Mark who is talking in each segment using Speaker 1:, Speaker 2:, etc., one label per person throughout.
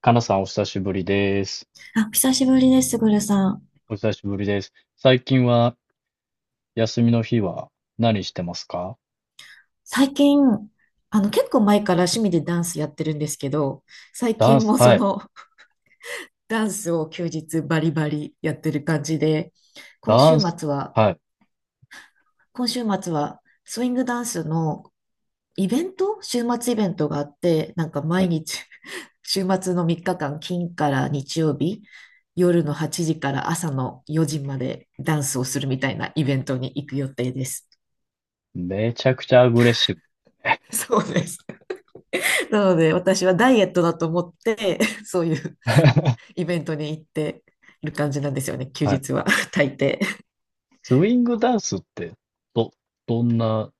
Speaker 1: かなさんお久しぶりです。
Speaker 2: あ、久しぶりです、ぐルさん。
Speaker 1: お久しぶりです。最近は休みの日は何してますか？
Speaker 2: 最近、結構前から趣味でダンスやってるんですけど、最
Speaker 1: ダン
Speaker 2: 近
Speaker 1: ス、
Speaker 2: も
Speaker 1: はい。
Speaker 2: ダンスを休日バリバリやってる感じで、今
Speaker 1: ダ
Speaker 2: 週
Speaker 1: ンス、
Speaker 2: 末は、
Speaker 1: はい。
Speaker 2: 今週末は、スイングダンスのイベント週末イベントがあって、なんか毎日 週末の3日間、金から日曜日、夜の8時から朝の4時までダンスをするみたいなイベントに行く予定です。
Speaker 1: めちゃくちゃアグレッシブ。
Speaker 2: そうです。なので、私はダイエットだと思って、そういう イベントに行っている感じなんですよね、休
Speaker 1: はい。
Speaker 2: 日は、大抵。
Speaker 1: スイングダンスって、ど、どんな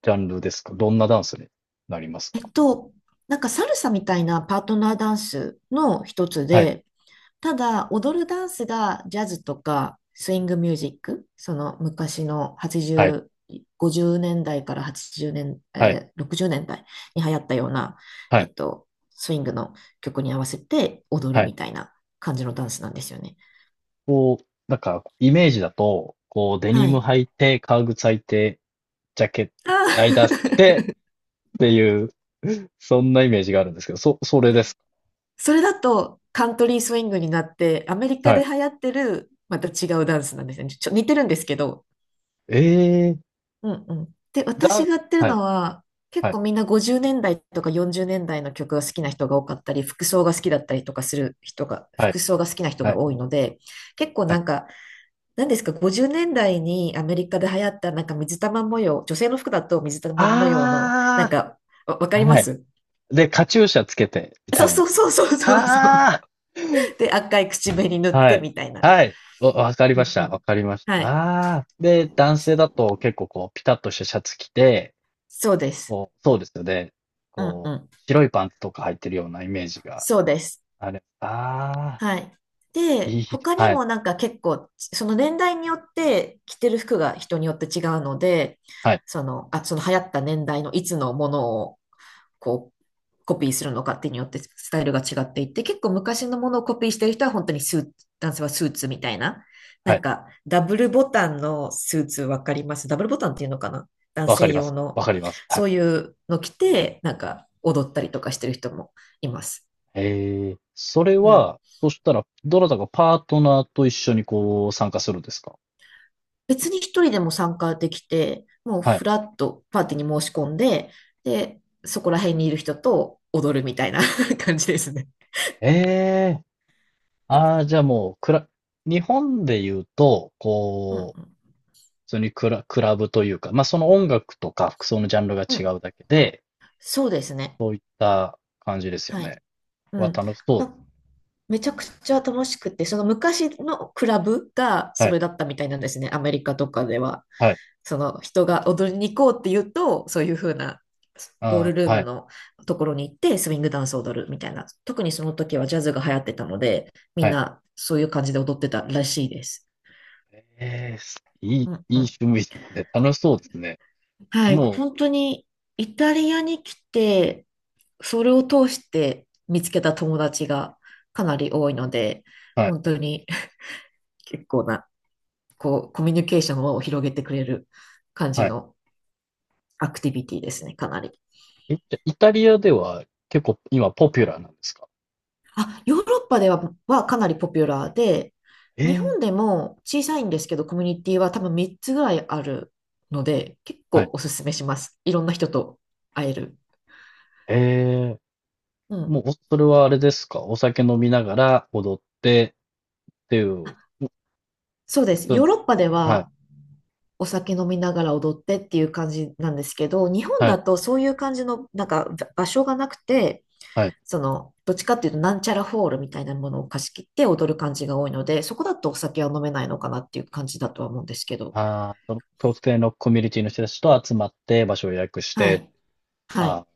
Speaker 1: ジャンルですか？どんなダンスになりますか？
Speaker 2: えっと、なんかサルサみたいなパートナーダンスの一つ
Speaker 1: はい。
Speaker 2: で、ただ踊るダンスがジャズとかスイングミュージック、その昔の
Speaker 1: はい。
Speaker 2: 80、50年代から80年、
Speaker 1: はい。
Speaker 2: 60年代に流行ったような、
Speaker 1: はい。
Speaker 2: スイングの曲に合わせて踊る
Speaker 1: はい。
Speaker 2: みたいな感じのダンスなんですよね。
Speaker 1: こう、なんか、イメージだと、こう、デニ
Speaker 2: は
Speaker 1: ム
Speaker 2: い。
Speaker 1: 履いて、革靴履いて、ジャケット、
Speaker 2: あ
Speaker 1: ライダース着
Speaker 2: ー
Speaker 1: て、ていう、そんなイメージがあるんですけど、それです
Speaker 2: それだとカントリースウィングになって、アメリ
Speaker 1: か。
Speaker 2: カ
Speaker 1: はい。
Speaker 2: で流行ってる、また違うダンスなんですね。似てるんですけど。
Speaker 1: ええ、
Speaker 2: うんうん。で、私
Speaker 1: だ、
Speaker 2: がやってる
Speaker 1: はい、
Speaker 2: のは、
Speaker 1: は
Speaker 2: 結
Speaker 1: い、
Speaker 2: 構みんな50年代とか40年代の曲が好きな人が多かったり、服装が好きだったりとかする人が、
Speaker 1: はい、
Speaker 2: 服装が好きな人
Speaker 1: は
Speaker 2: が
Speaker 1: い、
Speaker 2: 多いので、結構
Speaker 1: は
Speaker 2: な
Speaker 1: い。
Speaker 2: んか、何ですか、50年代にアメリカで流行ったなんか水玉模様、女性の服だと水玉模様の、なん
Speaker 1: あ
Speaker 2: か、わわか
Speaker 1: あ、
Speaker 2: りま
Speaker 1: はい。
Speaker 2: す
Speaker 1: で、カチューシャつけて、み
Speaker 2: そ
Speaker 1: た
Speaker 2: う
Speaker 1: いな。
Speaker 2: そうそうそうそうそう。
Speaker 1: あ
Speaker 2: で、赤い口紅塗っ
Speaker 1: あ、は
Speaker 2: て
Speaker 1: い、
Speaker 2: みたいな。
Speaker 1: はい。お、わかり
Speaker 2: う
Speaker 1: まし
Speaker 2: んう
Speaker 1: た。わ
Speaker 2: ん。
Speaker 1: かりました。
Speaker 2: はい。
Speaker 1: ああ。で、男性だと結構こう、ピタッとしたシャツ着て、
Speaker 2: そうです。
Speaker 1: こう、そうですよね。
Speaker 2: うんう
Speaker 1: こ
Speaker 2: ん。
Speaker 1: う、白いパンツとか履いてるようなイメージが
Speaker 2: そうです。
Speaker 1: あれ。ああ、
Speaker 2: はい。
Speaker 1: い
Speaker 2: で、
Speaker 1: い。
Speaker 2: 他に
Speaker 1: はい、
Speaker 2: もなんか結構、その年代によって着てる服が人によって違うので、
Speaker 1: はい、
Speaker 2: その流行った年代のいつのものをこう、コピーするのかってによってスタイルが違っていて、結構昔のものをコピーしてる人は本当にスーツ、男性はスーツみたいな。
Speaker 1: は
Speaker 2: なん
Speaker 1: い。
Speaker 2: か、ダブルボタンのスーツわかります？ダブルボタンっていうのかな、男
Speaker 1: わか
Speaker 2: 性
Speaker 1: りま
Speaker 2: 用
Speaker 1: す。
Speaker 2: の。
Speaker 1: わかります。はい。
Speaker 2: そういうの着て、なんか踊ったりとかしてる人もいます。
Speaker 1: ええ、それ
Speaker 2: うん。
Speaker 1: は、そしたら、どなたかパートナーと一緒にこう参加するんですか？
Speaker 2: 別に一人でも参加できて、もう
Speaker 1: は
Speaker 2: フ
Speaker 1: い。
Speaker 2: ラッとパーティーに申し込んで、で、そこら辺にいる人と踊るみたいな 感じですね。
Speaker 1: ええ、ああ、じゃあもう、日本で言うと、
Speaker 2: うんう
Speaker 1: こう、
Speaker 2: ん。
Speaker 1: 普通にクラブというか、まあその音楽とか服装のジャンルが
Speaker 2: う
Speaker 1: 違
Speaker 2: ん。
Speaker 1: うだけで、
Speaker 2: そうですね。
Speaker 1: そういった感じですよ
Speaker 2: は
Speaker 1: ね。
Speaker 2: い。う
Speaker 1: は
Speaker 2: ん。
Speaker 1: 楽しそうで
Speaker 2: な
Speaker 1: す。
Speaker 2: めちゃくちゃ楽しくて、その昔のクラブが
Speaker 1: は
Speaker 2: そ
Speaker 1: い、
Speaker 2: れだったみたいなんですね、アメリカとかでは。
Speaker 1: はい、
Speaker 2: その人が踊りに行こうって言うと、そういう風なボー
Speaker 1: あ
Speaker 2: ルル
Speaker 1: あ、
Speaker 2: ー
Speaker 1: は
Speaker 2: ム
Speaker 1: い、
Speaker 2: のところに行ってスウィングダンスを踊るみたいな。特にその時はジャズが流行ってたので、みん
Speaker 1: はい。
Speaker 2: なそういう感じで踊ってたらしいです。
Speaker 1: ええ、すいい、い
Speaker 2: うんう
Speaker 1: い
Speaker 2: ん。
Speaker 1: 趣味ですね。楽しそうですね。
Speaker 2: はい、
Speaker 1: も
Speaker 2: 本当にイタリアに来て、それを通して見つけた友達がかなり多いので、
Speaker 1: う、はい、
Speaker 2: 本当に 結構な こう、コミュニケーションを広げてくれる感じ
Speaker 1: はい。
Speaker 2: のアクティビティですね、かなり。
Speaker 1: え、じゃあイタリアでは結構今ポピュラーなんですか？
Speaker 2: あ、ヨーロッパでは、かなりポピュラーで、
Speaker 1: え
Speaker 2: 日
Speaker 1: え、
Speaker 2: 本でも小さいんですけど、コミュニティは多分3つぐらいあるので、結
Speaker 1: はい。
Speaker 2: 構おすすめします。いろんな人と会える。
Speaker 1: ええ、
Speaker 2: う
Speaker 1: も
Speaker 2: ん。
Speaker 1: う、お、それはあれですか？お酒飲みながら踊ってっていう、
Speaker 2: そうで
Speaker 1: 普
Speaker 2: す。
Speaker 1: 通
Speaker 2: ヨー
Speaker 1: の、
Speaker 2: ロッパで
Speaker 1: はい、
Speaker 2: はお酒飲みながら踊ってっていう感じなんですけど、日本
Speaker 1: は
Speaker 2: だ
Speaker 1: い、
Speaker 2: とそういう感じのなんか場所がなくて、
Speaker 1: はい。
Speaker 2: その、どっちかっていうと、なんちゃらホールみたいなものを貸し切って踊る感じが多いので、そこだとお酒は飲めないのかなっていう感じだとは思うんですけど。
Speaker 1: ああ、その特定のコミュニティの人たちと集まって場所を予約し
Speaker 2: は
Speaker 1: て、
Speaker 2: い。は
Speaker 1: あ
Speaker 2: い。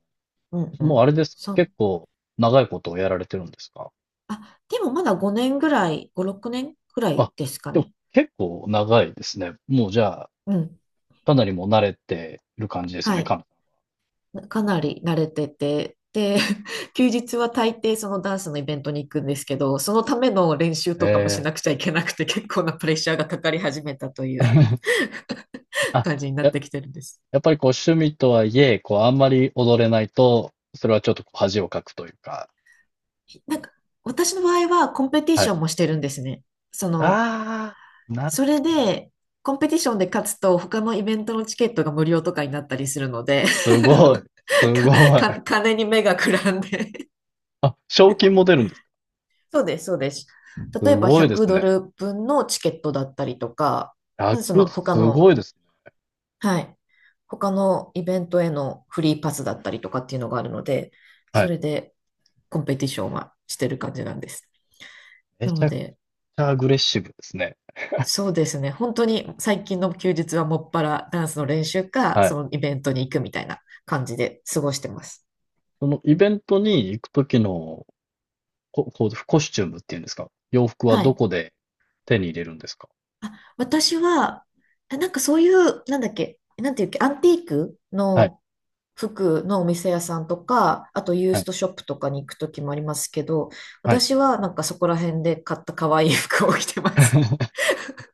Speaker 2: うん
Speaker 1: あ、
Speaker 2: う
Speaker 1: もうあ
Speaker 2: ん。
Speaker 1: れですか？結構長いことをやられてるんですか？
Speaker 2: あ、でもまだ5年ぐらい、5、6年ぐら
Speaker 1: あ、
Speaker 2: いですか
Speaker 1: でも
Speaker 2: ね。
Speaker 1: 結構長いですね。もうじゃあ、
Speaker 2: うん。
Speaker 1: かなりもう慣れてる感じですよ
Speaker 2: は
Speaker 1: ね、か
Speaker 2: い。
Speaker 1: な。
Speaker 2: かなり慣れてて、で、休日は大抵そのダンスのイベントに行くんですけど、そのための練習とかもし
Speaker 1: ええ。
Speaker 2: なくちゃいけなくて、結構なプレッシャーがかかり始めたという
Speaker 1: あ、
Speaker 2: 感じになってきてるんです。
Speaker 1: やっぱりこう趣味とはいえ、こうあんまり踊れないと、それはちょっとこう恥をかくというか、
Speaker 2: なんか、私の場合はコンペティ
Speaker 1: は
Speaker 2: シ
Speaker 1: い。
Speaker 2: ョンもしてるんですね。その、
Speaker 1: ああ、なる
Speaker 2: そ
Speaker 1: ほ
Speaker 2: れで、コンペティションで勝つと、他のイベントのチケットが無料とかになったりするので、
Speaker 1: ど。す ごい。
Speaker 2: 金に目がくらんで。
Speaker 1: あ、賞金も出るんですか？
Speaker 2: そうです、そうです。例
Speaker 1: す
Speaker 2: えば
Speaker 1: ごいで
Speaker 2: 100
Speaker 1: す
Speaker 2: ド
Speaker 1: ね。
Speaker 2: ル分のチケットだったりとか、まずその他
Speaker 1: す
Speaker 2: の、
Speaker 1: ごいですね。
Speaker 2: はい、他のイベントへのフリーパスだったりとかっていうのがあるので、
Speaker 1: は
Speaker 2: そ
Speaker 1: い。
Speaker 2: れでコンペティションはしてる感じなんです。
Speaker 1: め
Speaker 2: な
Speaker 1: ち
Speaker 2: の
Speaker 1: ゃくち
Speaker 2: で、
Speaker 1: ゃアグレッシブですね。
Speaker 2: そうですね。本当に最近の休日はもっぱらダンスの練習か、
Speaker 1: はい。
Speaker 2: そのイベントに行くみたいな感じで過ごしてます。
Speaker 1: そのイベントに行くときのこう、コスチュームっていうんですか？洋服は
Speaker 2: は
Speaker 1: ど
Speaker 2: い。
Speaker 1: こで手に入れるんですか？
Speaker 2: あ、私は、なんかそういう、なんだっけ、なんていうっけ、アンティーク
Speaker 1: はい、
Speaker 2: の服のお店屋さんとか、あとユー
Speaker 1: は
Speaker 2: ス
Speaker 1: い、
Speaker 2: トショップとかに行くときもありますけど、
Speaker 1: はい。
Speaker 2: 私はなんかそこら辺で買った可愛い服を着てます。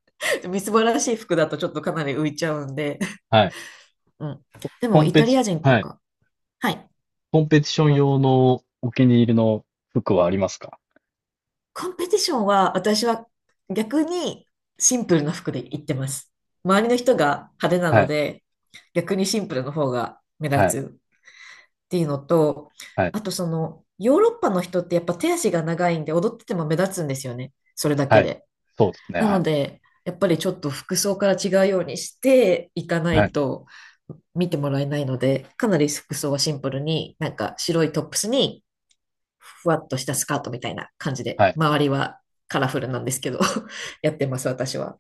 Speaker 2: みすぼらしい服だとちょっとかなり浮いちゃうんで。
Speaker 1: はい。
Speaker 2: うん。で
Speaker 1: コ
Speaker 2: も
Speaker 1: ン
Speaker 2: イ
Speaker 1: ペ
Speaker 2: タ
Speaker 1: テ
Speaker 2: リ
Speaker 1: ィ、
Speaker 2: ア人と
Speaker 1: はい。
Speaker 2: か、はい。
Speaker 1: コンペティション用のお気に入りの服はありますか？
Speaker 2: コンペティションは私は逆にシンプルな服で行ってます。周りの人が派手な
Speaker 1: は
Speaker 2: の
Speaker 1: い、
Speaker 2: で逆にシンプルの方が目
Speaker 1: はい、
Speaker 2: 立つっていうのと、
Speaker 1: はい、
Speaker 2: あとそのヨーロッパの人ってやっぱ手足が長いんで踊ってても目立つんですよね。それだけ
Speaker 1: はい。
Speaker 2: で。
Speaker 1: そうですね、
Speaker 2: な
Speaker 1: は
Speaker 2: の
Speaker 1: い、
Speaker 2: でやっぱりちょっと服装から違うようにしていかな
Speaker 1: は
Speaker 2: い
Speaker 1: い、
Speaker 2: と見てもらえないので、かなり服装はシンプルに、なんか白いトップスにふわっとしたスカートみたいな感じで、
Speaker 1: はい。
Speaker 2: 周りはカラフルなんですけど、やってます、私は。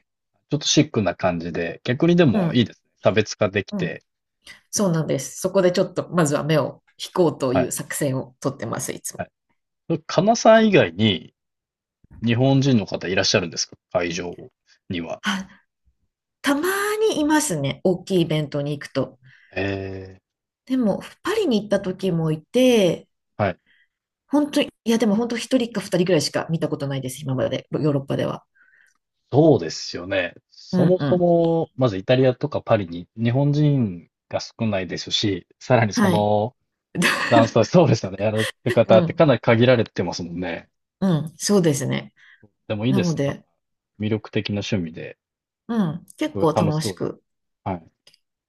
Speaker 1: ちょっとシックな感じで、逆にで
Speaker 2: う
Speaker 1: もいい
Speaker 2: ん。
Speaker 1: ですね。差別化でき
Speaker 2: うん。
Speaker 1: て、
Speaker 2: そうなんです。そこでちょっと、まずは目を引こうと
Speaker 1: は
Speaker 2: いう
Speaker 1: い、
Speaker 2: 作戦をとってます、いつ
Speaker 1: は
Speaker 2: も。
Speaker 1: い。そ、カナさん以外に日本人の方いらっしゃるんですか？会場には。
Speaker 2: あ、たまにいますね。大きいイベントに行くと。
Speaker 1: ええ、
Speaker 2: でも、パリに行った時もいて、
Speaker 1: はい。
Speaker 2: 本当に、いや、でも本当一人か二人ぐらいしか見たことないです、今まで、ヨーロッパでは。
Speaker 1: そうですよね。
Speaker 2: う
Speaker 1: そ
Speaker 2: ん
Speaker 1: も
Speaker 2: う
Speaker 1: そ
Speaker 2: ん。
Speaker 1: も、まずイタリアとかパリに日本人が少ないですし、さらにそ
Speaker 2: はい。
Speaker 1: のダンスは そうですよね。やられてる
Speaker 2: う
Speaker 1: 方って
Speaker 2: ん、
Speaker 1: かなり限られてますもんね。
Speaker 2: うん、そうですね。
Speaker 1: でもいい
Speaker 2: な
Speaker 1: で
Speaker 2: の
Speaker 1: すね。なんか、
Speaker 2: で、
Speaker 1: 魅力的な趣味で、
Speaker 2: うん、
Speaker 1: す
Speaker 2: 結
Speaker 1: ごい
Speaker 2: 構
Speaker 1: 楽し
Speaker 2: 楽
Speaker 1: そ
Speaker 2: し
Speaker 1: うです。
Speaker 2: く
Speaker 1: はい。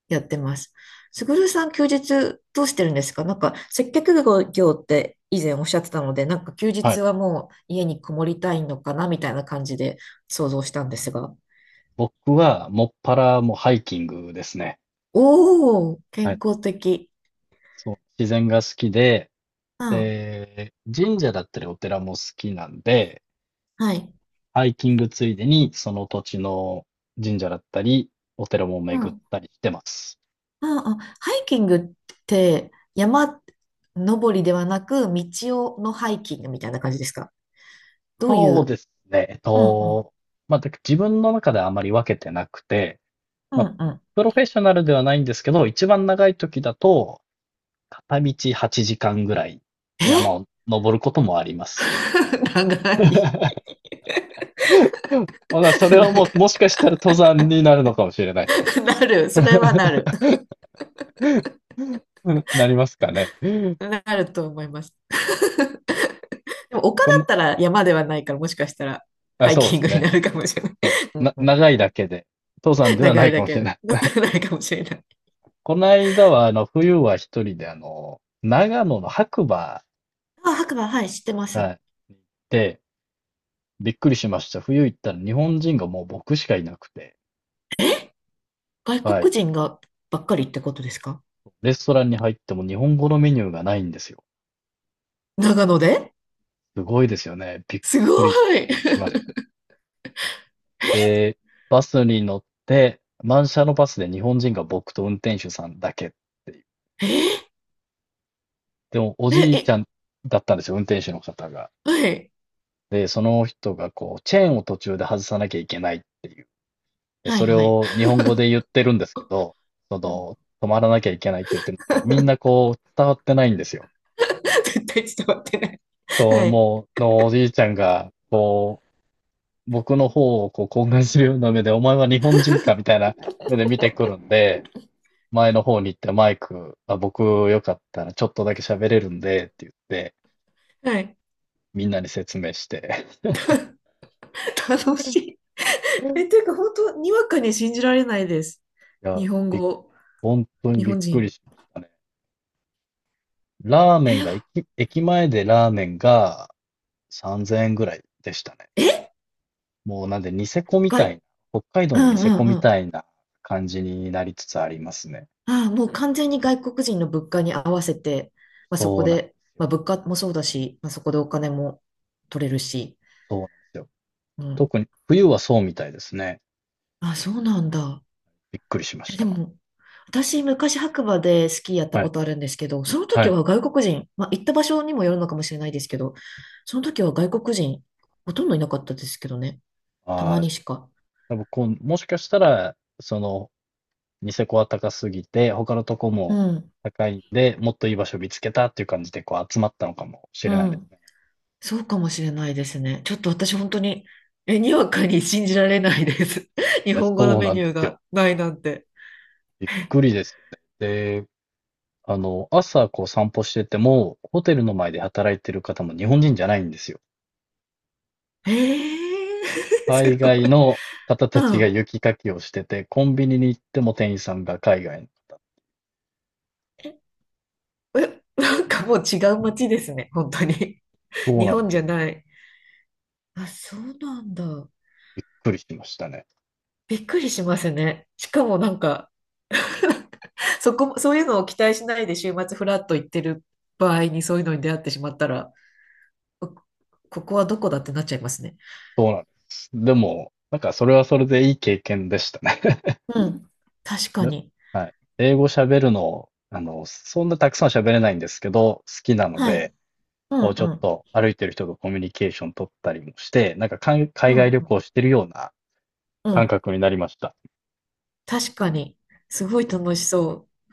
Speaker 2: やってます。すぐるさん、休日どうしてるんですか？なんか、接客業って以前おっしゃってたので、なんか休
Speaker 1: はい。
Speaker 2: 日はもう家にこもりたいのかなみたいな感じで想像したんですが。
Speaker 1: 僕は、もっぱらもうハイキングですね。
Speaker 2: おー、
Speaker 1: は
Speaker 2: 健
Speaker 1: い。
Speaker 2: 康的。
Speaker 1: そう。自然が好きで、
Speaker 2: うん、
Speaker 1: で、神社だったりお寺も好きなんで、
Speaker 2: はい。
Speaker 1: ハイキングついでに、その土地の神社だったり、お寺も
Speaker 2: うん、う
Speaker 1: 巡っ
Speaker 2: ん、
Speaker 1: たりしてます。
Speaker 2: うん。ハイキングって山登りではなく、道をのハイキングみたいな感じですか？どうい
Speaker 1: そう
Speaker 2: う、
Speaker 1: ですね。
Speaker 2: うん、うん、
Speaker 1: まあ、だ自分の中ではあまり分けてなくて、
Speaker 2: う
Speaker 1: まあ、
Speaker 2: ん、うん。
Speaker 1: プロフェッショナルではないんですけど、一番長い時だと、片道8時間ぐらい山
Speaker 2: え
Speaker 1: を登ることもあります。
Speaker 2: 長い、
Speaker 1: ほな、それは
Speaker 2: なん
Speaker 1: もう、
Speaker 2: か
Speaker 1: もしかしたら登山になるのかもしれないです。
Speaker 2: なる。それはな る。
Speaker 1: なりますかね。
Speaker 2: なると思います。でも丘だ
Speaker 1: こ
Speaker 2: っ
Speaker 1: の、
Speaker 2: たら山ではないから、もしかしたら
Speaker 1: あ、
Speaker 2: ハイ
Speaker 1: そう
Speaker 2: キ
Speaker 1: で
Speaker 2: ン
Speaker 1: す
Speaker 2: グに
Speaker 1: ね。
Speaker 2: なるかもしれない。
Speaker 1: そ
Speaker 2: う
Speaker 1: う
Speaker 2: ん
Speaker 1: な、
Speaker 2: うん、
Speaker 1: 長いだけで、登山では
Speaker 2: 長
Speaker 1: な
Speaker 2: い
Speaker 1: いか
Speaker 2: だ
Speaker 1: もしれ
Speaker 2: け
Speaker 1: ない。
Speaker 2: ないかもしれない。
Speaker 1: この間は、冬は一人で、長野の白馬、
Speaker 2: あ、白馬、はい、知ってます。
Speaker 1: はい、行って、びっくりしました。冬行ったら日本人がもう僕しかいなくて、
Speaker 2: 外
Speaker 1: はい。
Speaker 2: 国人がばっかりってことですか？
Speaker 1: レストランに入っても日本語のメニューがないんですよ。
Speaker 2: 長野で、
Speaker 1: すごいですよね。びっ
Speaker 2: すご
Speaker 1: くりし
Speaker 2: い
Speaker 1: ました。で、バスに乗って、満車のバスで日本人が僕と運転手さんだけっていう。
Speaker 2: え
Speaker 1: でも、お
Speaker 2: え、
Speaker 1: じいち
Speaker 2: え、
Speaker 1: ゃんだったんですよ、運転手の方が。
Speaker 2: はい、
Speaker 1: で、その人がこう、チェーンを途中で外さなきゃいけないっていう。で、
Speaker 2: はい、
Speaker 1: それ
Speaker 2: はい。
Speaker 1: を日本語で言ってるんですけど、そ
Speaker 2: うん
Speaker 1: の、止まらなきゃいけないって言ってるんですけど、みんなこう、伝わってないんですよ。
Speaker 2: 絶対伝わってない。
Speaker 1: そう、
Speaker 2: はい、
Speaker 1: もう、のおじいちゃんが、こう、僕の方をこう、懇願するような目で、お前は日本人かみたいな 目で見てくるんで、前の方に行ってマイク、あ、僕よかったらちょっとだけ喋れるんで、って言って、
Speaker 2: はい。
Speaker 1: みんなに説明して。
Speaker 2: 楽しい。え、
Speaker 1: い
Speaker 2: ていうか、本当にわかに信じられないです。
Speaker 1: や、
Speaker 2: 日本
Speaker 1: びっ
Speaker 2: 語、
Speaker 1: 本当に
Speaker 2: 日
Speaker 1: びっ
Speaker 2: 本
Speaker 1: くり
Speaker 2: 人。
Speaker 1: しましたね。ラーメン
Speaker 2: え、
Speaker 1: が、駅、駅前でラーメンが3000円ぐらいでしたね。
Speaker 2: え、
Speaker 1: もうなんでニセコみたい
Speaker 2: 外、
Speaker 1: な、北海道
Speaker 2: う
Speaker 1: のニ
Speaker 2: んう
Speaker 1: セコ
Speaker 2: んう
Speaker 1: み
Speaker 2: ん。
Speaker 1: たいな感じになりつつありますね。
Speaker 2: ああ、もう完全に外国人の物価に合わせて、まあ、そ
Speaker 1: そ
Speaker 2: こ
Speaker 1: うなんで
Speaker 2: で、
Speaker 1: すよ。
Speaker 2: まあ、物価もそうだし、まあ、そこでお金も取れるし。
Speaker 1: そうなんですよ。
Speaker 2: うん。
Speaker 1: 冬はそうみたいですね。
Speaker 2: あ、そうなんだ。
Speaker 1: びっくりしまし
Speaker 2: え、で
Speaker 1: た。
Speaker 2: も、私、昔白馬でスキーやった
Speaker 1: は
Speaker 2: こ
Speaker 1: い。
Speaker 2: とあるんですけど、その
Speaker 1: は
Speaker 2: 時
Speaker 1: い。
Speaker 2: は外国人、まあ、行った場所にもよるのかもしれないですけど、その時は外国人、ほとんどいなかったですけどね。た
Speaker 1: あ
Speaker 2: ま
Speaker 1: あ、じ
Speaker 2: にしか。
Speaker 1: ゃあ、僕、こうもしかしたら、その、ニセコは高すぎて、他のとこ
Speaker 2: う
Speaker 1: も
Speaker 2: ん、
Speaker 1: 高いんで、もっといい場所見つけたっていう感じで、こう、集まったのかもし
Speaker 2: う
Speaker 1: れないです
Speaker 2: ん。
Speaker 1: ね。
Speaker 2: そうかもしれないですね。ちょっと私本当に、え、にわかに信じられないです。日
Speaker 1: いや、
Speaker 2: 本語の
Speaker 1: そう
Speaker 2: メ
Speaker 1: な
Speaker 2: ニ
Speaker 1: んで
Speaker 2: ュー
Speaker 1: すよ。
Speaker 2: がないなんて。
Speaker 1: びっくりですよね。で、あの、朝、こう、散歩してても、ホテルの前で働いてる方も日本人じゃないんですよ。
Speaker 2: えー、す
Speaker 1: 海
Speaker 2: ごい。
Speaker 1: 外の方
Speaker 2: う
Speaker 1: たちが
Speaker 2: ん。
Speaker 1: 雪かきをしてて、コンビニに行っても店員さんが海外の方。
Speaker 2: え、なんかもう違う街ですね。本当に。
Speaker 1: そう
Speaker 2: 日
Speaker 1: なん
Speaker 2: 本
Speaker 1: で
Speaker 2: じゃ
Speaker 1: す。
Speaker 2: ない。あ、そうなんだ。
Speaker 1: びっくりしましたね。
Speaker 2: びっくりしますね。しかもなんか、そういうのを期待しないで週末フラッと行ってる場合にそういうのに出会ってしまったら、こここはどこだってなっちゃいますね。
Speaker 1: そうなんです。でも、なんかそれはそれでいい経験でしたね。
Speaker 2: うん。確か
Speaker 1: で、
Speaker 2: に。
Speaker 1: はい。英語喋るの、あの、そんなたくさん喋れないんですけど、好きなの
Speaker 2: はい。
Speaker 1: で、
Speaker 2: う
Speaker 1: こうちょっ
Speaker 2: ん
Speaker 1: と歩いてる人とコミュニケーション取ったりもして、なんかかん
Speaker 2: う
Speaker 1: 海
Speaker 2: ん、
Speaker 1: 外旅
Speaker 2: うん、
Speaker 1: 行してるような
Speaker 2: う
Speaker 1: 感
Speaker 2: ん、
Speaker 1: 覚になりました。
Speaker 2: 確かに。すごい楽しそう。